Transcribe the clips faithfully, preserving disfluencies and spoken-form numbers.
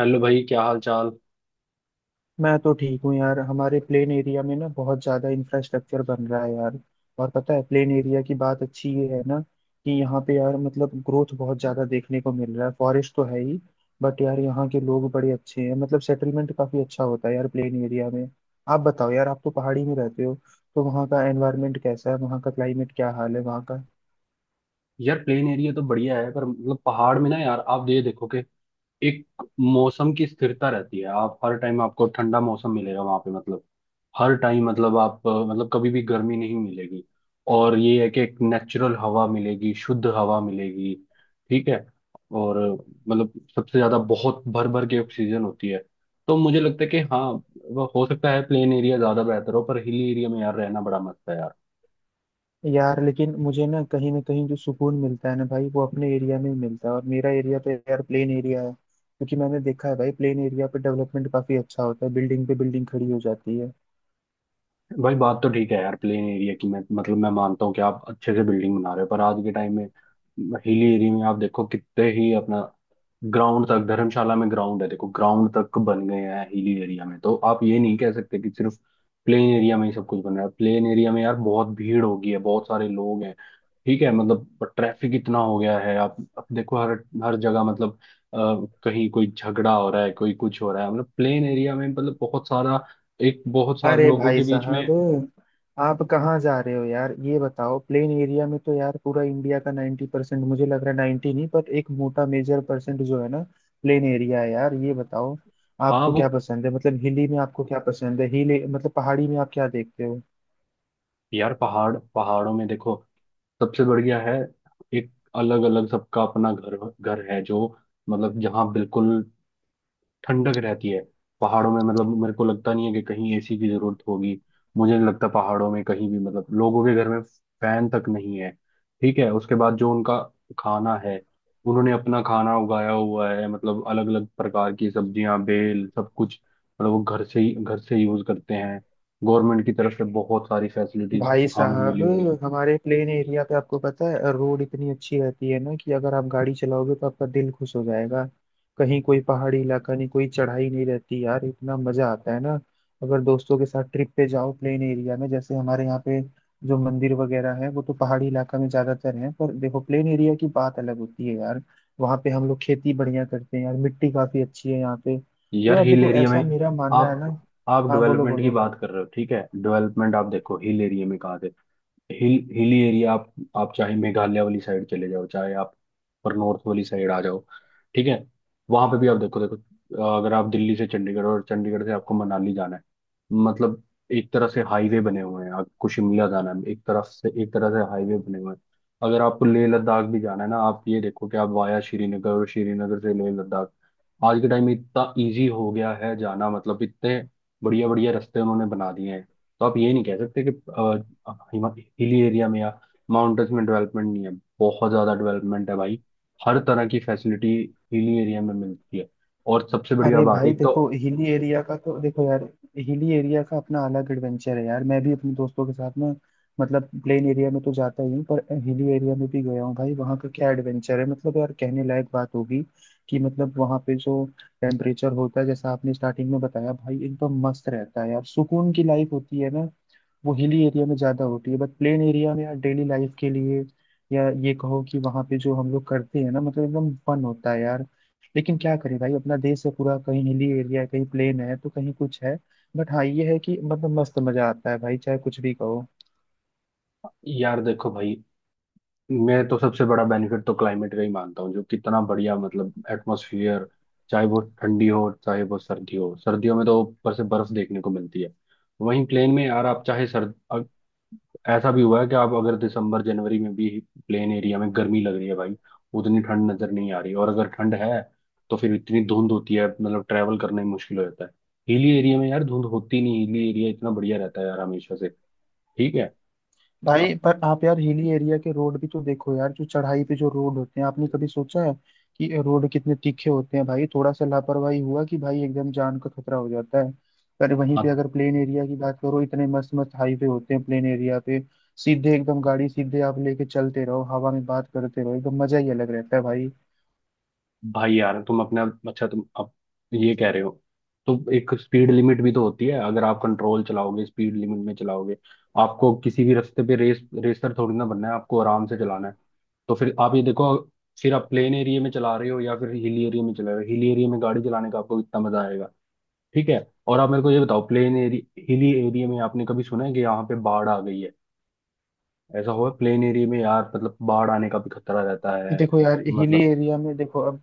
Hello भाई, क्या हाल चाल। मैं तो ठीक हूँ यार। हमारे प्लेन एरिया में ना बहुत ज्यादा इंफ्रास्ट्रक्चर बन रहा है यार। और पता है, प्लेन एरिया की बात अच्छी ये है ना कि यहाँ पे यार मतलब ग्रोथ बहुत ज्यादा देखने को मिल रहा है। फॉरेस्ट तो है ही, बट यार यहाँ के लोग बड़े अच्छे हैं। मतलब सेटलमेंट काफी अच्छा होता है यार प्लेन एरिया में। आप बताओ यार, आप तो पहाड़ी में रहते हो, तो वहाँ का एनवायरनमेंट कैसा है, वहाँ का क्लाइमेट क्या हाल है वहाँ का। यार प्लेन एरिया तो बढ़िया है, पर मतलब पहाड़ में ना, यार आप ये देखो कि एक मौसम की स्थिरता रहती है। आप हर टाइम आपको ठंडा मौसम मिलेगा वहां पे। मतलब हर टाइम, मतलब आप अ, मतलब कभी भी गर्मी नहीं मिलेगी। और ये है कि एक नेचुरल हवा मिलेगी, शुद्ध हवा मिलेगी। ठीक है। और अ, मतलब सबसे ज्यादा बहुत भर भर के ऑक्सीजन होती है। तो मुझे लगता है कि हाँ, वो हो सकता है प्लेन एरिया ज्यादा बेहतर हो, पर हिली एरिया में यार रहना बड़ा मस्त है यार। यार लेकिन मुझे ना कहीं ना कहीं जो सुकून मिलता है ना भाई, वो अपने एरिया में ही मिलता है। और मेरा एरिया तो यार प्लेन एरिया है, क्योंकि मैंने देखा है भाई, प्लेन एरिया पे डेवलपमेंट काफी अच्छा होता है, बिल्डिंग पे बिल्डिंग खड़ी हो जाती है। भाई बात तो ठीक है यार प्लेन एरिया की, मैं मतलब मैं मानता हूँ कि आप अच्छे से बिल्डिंग बना रहे हो, पर आज के टाइम में हिली एरिया में आप देखो कितने ही अपना ग्राउंड तक, धर्मशाला में ग्राउंड है, देखो ग्राउंड तक बन गए हैं हिली एरिया में। तो आप ये नहीं कह सकते कि सिर्फ प्लेन एरिया में ही सब कुछ बन रहा है। प्लेन एरिया में यार बहुत भीड़ होगी है, बहुत सारे लोग हैं। ठीक है, मतलब ट्रैफिक इतना हो गया है। आप आप देखो हर हर जगह, मतलब अ, कहीं कोई झगड़ा हो रहा है, कोई कुछ हो रहा है, मतलब प्लेन एरिया में मतलब बहुत सारा, एक बहुत सारे अरे लोगों भाई के बीच में। साहब, आप कहाँ जा रहे हो यार, ये बताओ। प्लेन एरिया में तो यार पूरा इंडिया का नाइन्टी परसेंट मुझे लग रहा है, नाइन्टी नहीं पर एक मोटा मेजर परसेंट जो है ना, प्लेन एरिया है यार। ये बताओ, हाँ आपको वो, क्या पसंद है, मतलब हिली में आपको क्या पसंद है, हिली मतलब पहाड़ी में आप क्या देखते हो। यार पहाड़ पहाड़ों में देखो सबसे बढ़िया है। एक अलग अलग सबका अपना घर घर है जो, मतलब जहाँ बिल्कुल ठंडक रहती है। पहाड़ों में मतलब मेरे को लगता नहीं है कि कहीं एसी की जरूरत होगी। मुझे नहीं लगता पहाड़ों में कहीं भी, मतलब लोगों के घर में फैन तक नहीं है। ठीक है। उसके बाद जो उनका खाना है, उन्होंने अपना खाना उगाया हुआ है। मतलब अलग अलग प्रकार की सब्जियां, बेल, सब कुछ, मतलब वो घर से ही, घर से यूज करते हैं। गवर्नमेंट की तरफ से बहुत सारी फैसिलिटीज भाई हमें साहब, मिली हुई है। हमारे प्लेन एरिया पे आपको पता है रोड इतनी अच्छी रहती है ना कि अगर आप गाड़ी चलाओगे तो आपका दिल खुश हो जाएगा। कहीं कोई पहाड़ी इलाका नहीं, कोई चढ़ाई नहीं रहती यार, इतना मजा आता है ना अगर दोस्तों के साथ ट्रिप पे जाओ प्लेन एरिया में। जैसे हमारे यहाँ पे जो मंदिर वगैरह है वो तो पहाड़ी इलाका में ज्यादातर है, पर देखो प्लेन एरिया की बात अलग होती है यार। वहाँ पे हम लोग खेती बढ़िया करते हैं यार, मिट्टी काफी अच्छी है यहाँ पे, तो यार यार हिल देखो एरिया ऐसा में मेरा मानना है ना। आप आप हाँ बोलो डेवलपमेंट की बोलो। बात कर रहे हो। ठीक है, डेवलपमेंट आप देखो, हिल एरिया में कहाँ से। हिल हिली एरिया, आप आप चाहे मेघालय वाली साइड चले जाओ, चाहे आप पर नॉर्थ वाली साइड आ जाओ, ठीक है, वहां पे भी आप देखो देखो, अ, अगर आप दिल्ली से चंडीगढ़ और चंडीगढ़ से आपको मनाली जाना है, मतलब एक तरह से हाईवे बने हुए हैं। आपको शिमला जाना है, एक तरफ से एक तरह से हाईवे बने हुए हैं। अगर आपको लेह लद्दाख भी जाना है ना, आप ये देखो कि आप वाया श्रीनगर और श्रीनगर से लेह लद्दाख, आज के टाइम में इतना इजी हो गया है जाना, मतलब इतने बढ़िया बढ़िया रास्ते उन्होंने बना दिए हैं। तो आप ये नहीं कह सकते कि हाँ, हिमा- हिली एरिया में या माउंटेन्स में डेवलपमेंट नहीं है। बहुत ज्यादा डेवलपमेंट है भाई। हर तरह की फैसिलिटी हिली एरिया में मिलती है। और सबसे बढ़िया अरे बात भाई एक तो, देखो, हिली एरिया का तो देखो यार, हिली एरिया का अपना अलग एडवेंचर है यार। मैं भी अपने दोस्तों के साथ ना, मतलब प्लेन एरिया में तो जाता ही हूँ पर हिली एरिया में भी गया हूँ भाई। वहाँ का क्या एडवेंचर है, मतलब यार कहने लायक बात होगी कि मतलब वहाँ पे जो टेम्परेचर होता है, जैसा आपने स्टार्टिंग में बताया भाई, एकदम मस्त रहता है यार। सुकून की लाइफ होती है ना, वो हिली एरिया में ज़्यादा होती है। बट प्लेन एरिया में यार डेली लाइफ के लिए, या ये कहो कि वहाँ पे जो हम लोग करते हैं ना, मतलब एकदम फन होता है यार। लेकिन क्या करें भाई, अपना देश है पूरा, कहीं हिली एरिया है कहीं प्लेन है तो कहीं कुछ है। बट हाँ ये है कि मतलब मस्त मजा आता है भाई, चाहे कुछ भी कहो। यार देखो भाई, मैं तो सबसे बड़ा बेनिफिट तो क्लाइमेट का ही मानता हूँ, जो कितना बढ़िया, मतलब एटमोसफियर, चाहे वो ठंडी हो, चाहे वो सर्दी हो। सर्दियों में तो ऊपर से बर्फ देखने को मिलती है। वहीं प्लेन में यार आप चाहे सर्द, ऐसा भी हुआ है कि आप अगर दिसंबर जनवरी में भी प्लेन एरिया में गर्मी लग रही है भाई। उतनी ठंड नजर नहीं आ रही, और अगर ठंड है तो फिर इतनी धुंध होती है, मतलब ट्रैवल करना ही मुश्किल हो जाता है। हिली एरिया में यार धुंध होती नहीं, हिली एरिया इतना बढ़िया रहता है यार हमेशा से। ठीक है। भाई अब पर आप यार हिली एरिया के रोड भी तो देखो यार, जो चढ़ाई पे जो रोड होते हैं, आपने कभी सोचा है कि रोड कितने तीखे होते हैं भाई? थोड़ा सा लापरवाही हुआ कि भाई एकदम जान का खतरा हो जाता है। पर वहीं पे आप, अगर प्लेन एरिया की बात करो, इतने मस्त मस्त हाईवे होते हैं प्लेन एरिया पे, सीधे एकदम गाड़ी सीधे आप लेके चलते रहो, हवा में बात करते रहो, एकदम मजा ही अलग रहता है भाई। भाई यार तुम अपना, अच्छा तुम अब ये कह रहे हो, तो एक स्पीड लिमिट भी तो होती है। अगर आप कंट्रोल चलाओगे, स्पीड लिमिट में चलाओगे, आपको किसी भी रास्ते पे रेस रेसर थोड़ी ना बनना है। आपको आराम से चलाना है। तो फिर आप ये देखो, फिर आप प्लेन एरिया में चला रहे हो या फिर हिल एरिया में चला रहे हो, हिल एरिया में गाड़ी चलाने का आपको इतना मजा आएगा। ठीक है। और आप मेरे को ये बताओ, प्लेन एरिया, हिली एरिया में आपने कभी सुना है कि यहाँ पे बाढ़ आ गई है? ऐसा हुआ है? प्लेन एरिया में यार मतलब बाढ़ आने का भी खतरा रहता है। देखो यार हिली मतलब एरिया में, देखो अब,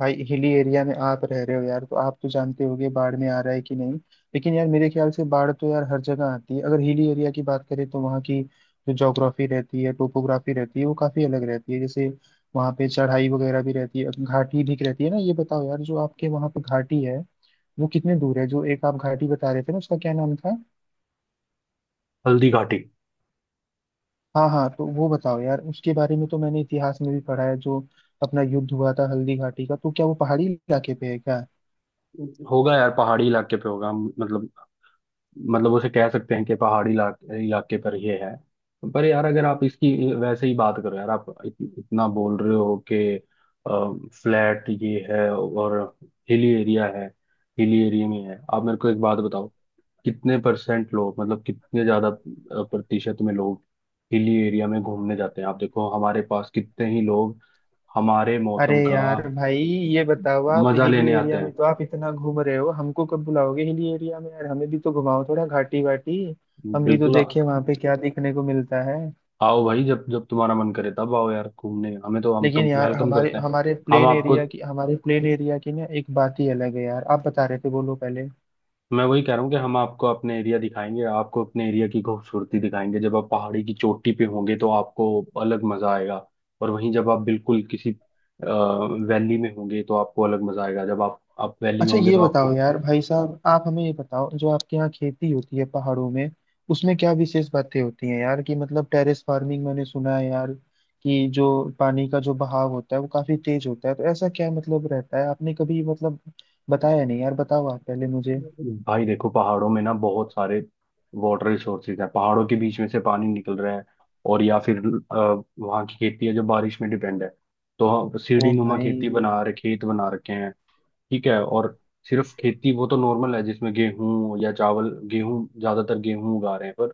भाई हिली एरिया में आप रह रहे हो यार तो आप तो जानते होगे बाढ़ में आ रहा है कि नहीं। लेकिन यार मेरे ख्याल से बाढ़ तो यार हर जगह आती है। अगर हिली एरिया की बात करें तो वहाँ की जो जोग्राफी रहती है, टोपोग्राफी रहती है, वो काफी अलग रहती है। जैसे वहाँ पे चढ़ाई वगैरह भी रहती है, घाटी भी रहती है ना। ये बताओ यार, जो आपके वहाँ पे घाटी है वो कितने दूर है, जो एक आप घाटी बता रहे थे ना, उसका क्या नाम था। हल्दी घाटी, हाँ हाँ, तो वो बताओ यार उसके बारे में। तो मैंने इतिहास में भी पढ़ा है जो अपना युद्ध हुआ था हल्दी घाटी का, तो क्या वो पहाड़ी इलाके पे है क्या? होगा यार पहाड़ी इलाके पे होगा। हम- मतलब, मतलब उसे कह सकते हैं कि पहाड़ी इलाके इलाके पर ये है। पर यार अगर आप इसकी वैसे ही बात करो, यार आप इत, इतना बोल रहे हो कि फ्लैट ये है और हिली एरिया है। हिली एरिया में है, आप मेरे को एक बात बताओ, कितने परसेंट लोग, मतलब कितने ज्यादा अ, प्रतिशत में लोग हिली एरिया में घूमने जाते हैं? आप देखो हमारे पास कितने ही लोग हमारे अरे मौसम का यार भाई ये बताओ, आप मजा हिली लेने आते एरिया में हैं। तो आप इतना घूम रहे हो, हमको कब बुलाओगे हिली एरिया में यार? हमें भी तो घुमाओ थोड़ा घाटी वाटी, हम भी तो बिल्कुल देखें वहां पे क्या देखने को मिलता है। आओ भाई, जब जब तुम्हारा मन करे तब आओ यार घूमने, हमें तो, हम तो लेकिन यार वेलकम हमारे करते हैं। हमारे हम प्लेन आपको, एरिया की हमारे प्लेन एरिया की ना एक बात ही अलग है यार। आप बता रहे थे, बोलो पहले। मैं वही कह रहा हूँ कि हम आपको अपने एरिया दिखाएंगे, आपको अपने एरिया की खूबसूरती दिखाएंगे। जब आप पहाड़ी की चोटी पे होंगे तो आपको अलग मजा आएगा। और वहीं जब आप बिल्कुल किसी वैली में होंगे तो आपको अलग मजा आएगा। जब आप आप वैली में अच्छा होंगे ये तो बताओ आपको, यार भाई साहब, आप हमें ये बताओ, जो आपके यहाँ खेती होती है पहाड़ों में, उसमें क्या विशेष बातें होती हैं यार? कि मतलब टेरेस फार्मिंग मैंने सुना है यार, कि जो पानी का जो बहाव होता है वो काफी तेज होता है, तो ऐसा क्या मतलब रहता है? आपने कभी मतलब बताया नहीं यार, बताओ आप पहले मुझे। भाई देखो पहाड़ों में ना बहुत सारे वाटर रिसोर्सेज हैं। पहाड़ों के बीच में से पानी निकल रहा है, और या फिर अ, वहाँ की खेती है जो बारिश में डिपेंड है। तो हम सीढ़ी ओ नुमा भाई। खेती बना रहे, खेत बना रखे हैं। ठीक है। और सिर्फ खेती वो तो नॉर्मल है, जिसमें गेहूं या चावल, गेहूं ज्यादातर गेहूं उगा रहे हैं। पर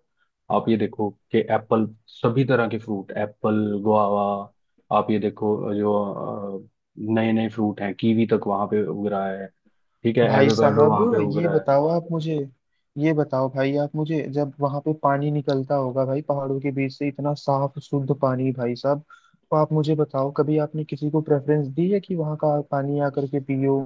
आप ये देखो कि एप्पल, सभी तरह के फ्रूट, एप्पल, गुआवा, आप ये देखो जो नए नए फ्रूट हैं कीवी तक वहां पे उग रहा है। ठीक है, भाई एवोकाडो साहब वहां पे उग ये रहा है। बताओ आप मुझे, ये बताओ भाई आप मुझे, जब वहां पे पानी निकलता होगा भाई पहाड़ों के बीच से, इतना साफ शुद्ध पानी भाई साहब, तो आप मुझे बताओ कभी आपने किसी को प्रेफरेंस दी है कि वहां का पानी आकर के पियो,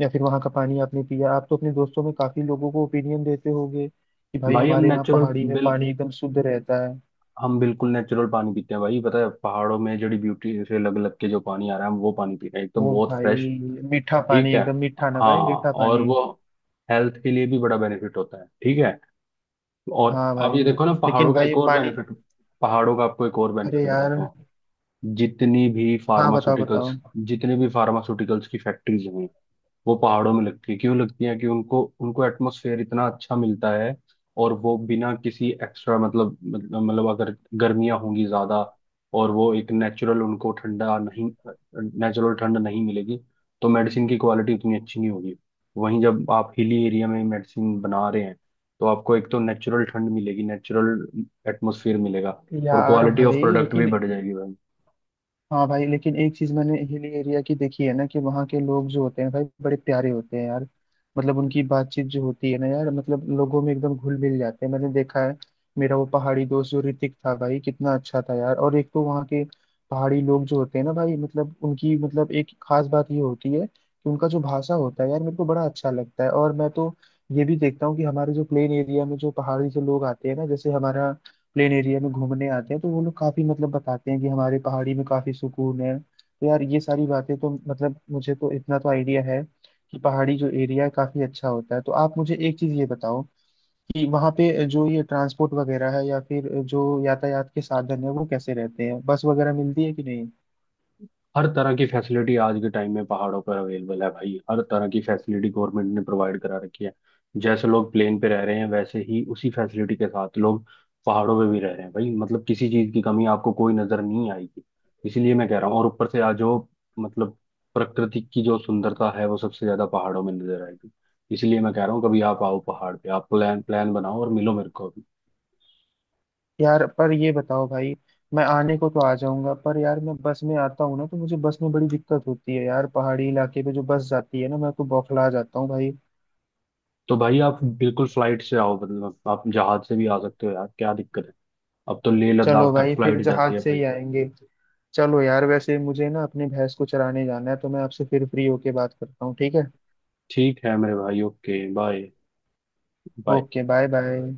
या फिर वहां का पानी आपने पिया? आप तो अपने दोस्तों में काफी लोगों को ओपिनियन देते होगे कि भाई भाई हम हमारे यहाँ नेचुरल, पहाड़ी में बिल पानी एकदम शुद्ध रहता है। हम बिल्कुल नेचुरल पानी पीते हैं भाई। पता है, पहाड़ों में जड़ी ब्यूटी से लग लग के जो पानी आ रहा है, हम वो पानी पी रहे हैं एकदम ओ बहुत फ्रेश। भाई, मीठा पानी, ठीक है, एकदम मीठा ना हाँ, भाई, मीठा और पानी। वो हेल्थ के लिए भी बड़ा बेनिफिट होता है। ठीक है। और हाँ आप भाई, ये देखो ना, पहाड़ों लेकिन का भाई एक और पानी। बेनिफिट, पहाड़ों का आपको एक और अरे बेनिफिट यार। बताता हूँ। जितनी भी हाँ बताओ फार्मास्यूटिकल्स बताओ। जितने भी फार्मास्यूटिकल्स की फैक्ट्रीज हैं, वो पहाड़ों में लगती है। क्यों लगती है? कि उनको उनको एटमोसफेयर इतना अच्छा मिलता है। और वो बिना किसी एक्स्ट्रा, मतलब मतलब मतलब अगर गर्मियां होंगी ज्यादा, और वो एक नेचुरल उनको ठंडा नहीं, नेचुरल ठंड नहीं मिलेगी तो मेडिसिन की क्वालिटी उतनी अच्छी नहीं होगी। वहीं जब आप हिली एरिया में मेडिसिन बना रहे हैं, तो आपको एक तो नेचुरल ठंड मिलेगी, नेचुरल एटमोसफियर मिलेगा, और यार क्वालिटी ऑफ भाई प्रोडक्ट भी लेकिन, बढ़ जाएगी भाई। हाँ भाई लेकिन एक चीज मैंने हिल एरिया की देखी है ना, कि वहाँ के लोग जो होते हैं भाई, बड़े प्यारे होते हैं यार। मतलब उनकी बातचीत जो होती है ना यार, मतलब लोगों में एकदम घुल मिल जाते हैं, मैंने देखा है। मेरा वो पहाड़ी दोस्त जो ऋतिक था भाई, कितना अच्छा था यार। और एक तो वहाँ के पहाड़ी लोग जो होते हैं ना भाई, मतलब उनकी मतलब एक खास बात ये होती है कि उनका जो भाषा होता है यार, मेरे को बड़ा अच्छा लगता है। और मैं तो ये भी देखता हूँ कि हमारे जो प्लेन एरिया में जो पहाड़ी से लोग आते हैं ना, जैसे हमारा प्लेन एरिया में घूमने आते हैं, तो वो लोग काफी मतलब बताते हैं कि हमारे पहाड़ी में काफी सुकून है। तो यार ये सारी बातें तो मतलब मुझे तो इतना तो आइडिया है कि पहाड़ी जो एरिया है काफी अच्छा होता है। तो आप मुझे एक चीज ये बताओ, कि वहाँ पे जो ये ट्रांसपोर्ट वगैरह है या फिर जो यातायात के साधन है, वो कैसे रहते हैं? बस वगैरह मिलती है कि नहीं? हर तरह की फैसिलिटी आज के टाइम में पहाड़ों पर अवेलेबल है भाई। हर तरह की फैसिलिटी गवर्नमेंट ने प्रोवाइड करा रखी है। जैसे लोग प्लेन पे रह रहे हैं, वैसे ही उसी फैसिलिटी के साथ लोग पहाड़ों पे भी रह रहे हैं भाई। मतलब किसी चीज की कमी आपको कोई नजर नहीं आएगी। इसीलिए मैं कह रहा हूँ। और ऊपर से आज जो, मतलब प्रकृति की जो सुंदरता है वो सबसे ज्यादा पहाड़ों में नजर आएगी। इसलिए मैं कह रहा हूँ कभी आप आओ पहाड़ पे, आप प्लान प्लान बनाओ और मिलो मेरे को अभी। यार पर ये बताओ भाई, मैं आने को तो आ जाऊंगा पर यार मैं बस में आता हूँ ना, तो मुझे बस में बड़ी दिक्कत होती है यार। पहाड़ी इलाके पे जो बस जाती है ना, मैं तो बौखला जाता हूँ भाई। तो भाई आप बिल्कुल फ्लाइट से आओ, मतलब आप जहाज से भी आ सकते हो यार, क्या दिक्कत है। अब तो लेह चलो लद्दाख तक भाई, फिर फ्लाइट जाती जहाज है से ही भाई। आएंगे। चलो यार, वैसे मुझे ना अपनी भैंस को चराने जाना है, तो मैं आपसे फिर फ्री होके बात करता हूँ, ठीक है। ठीक है मेरे भाई, okay bye. Bye. Okay bye bye.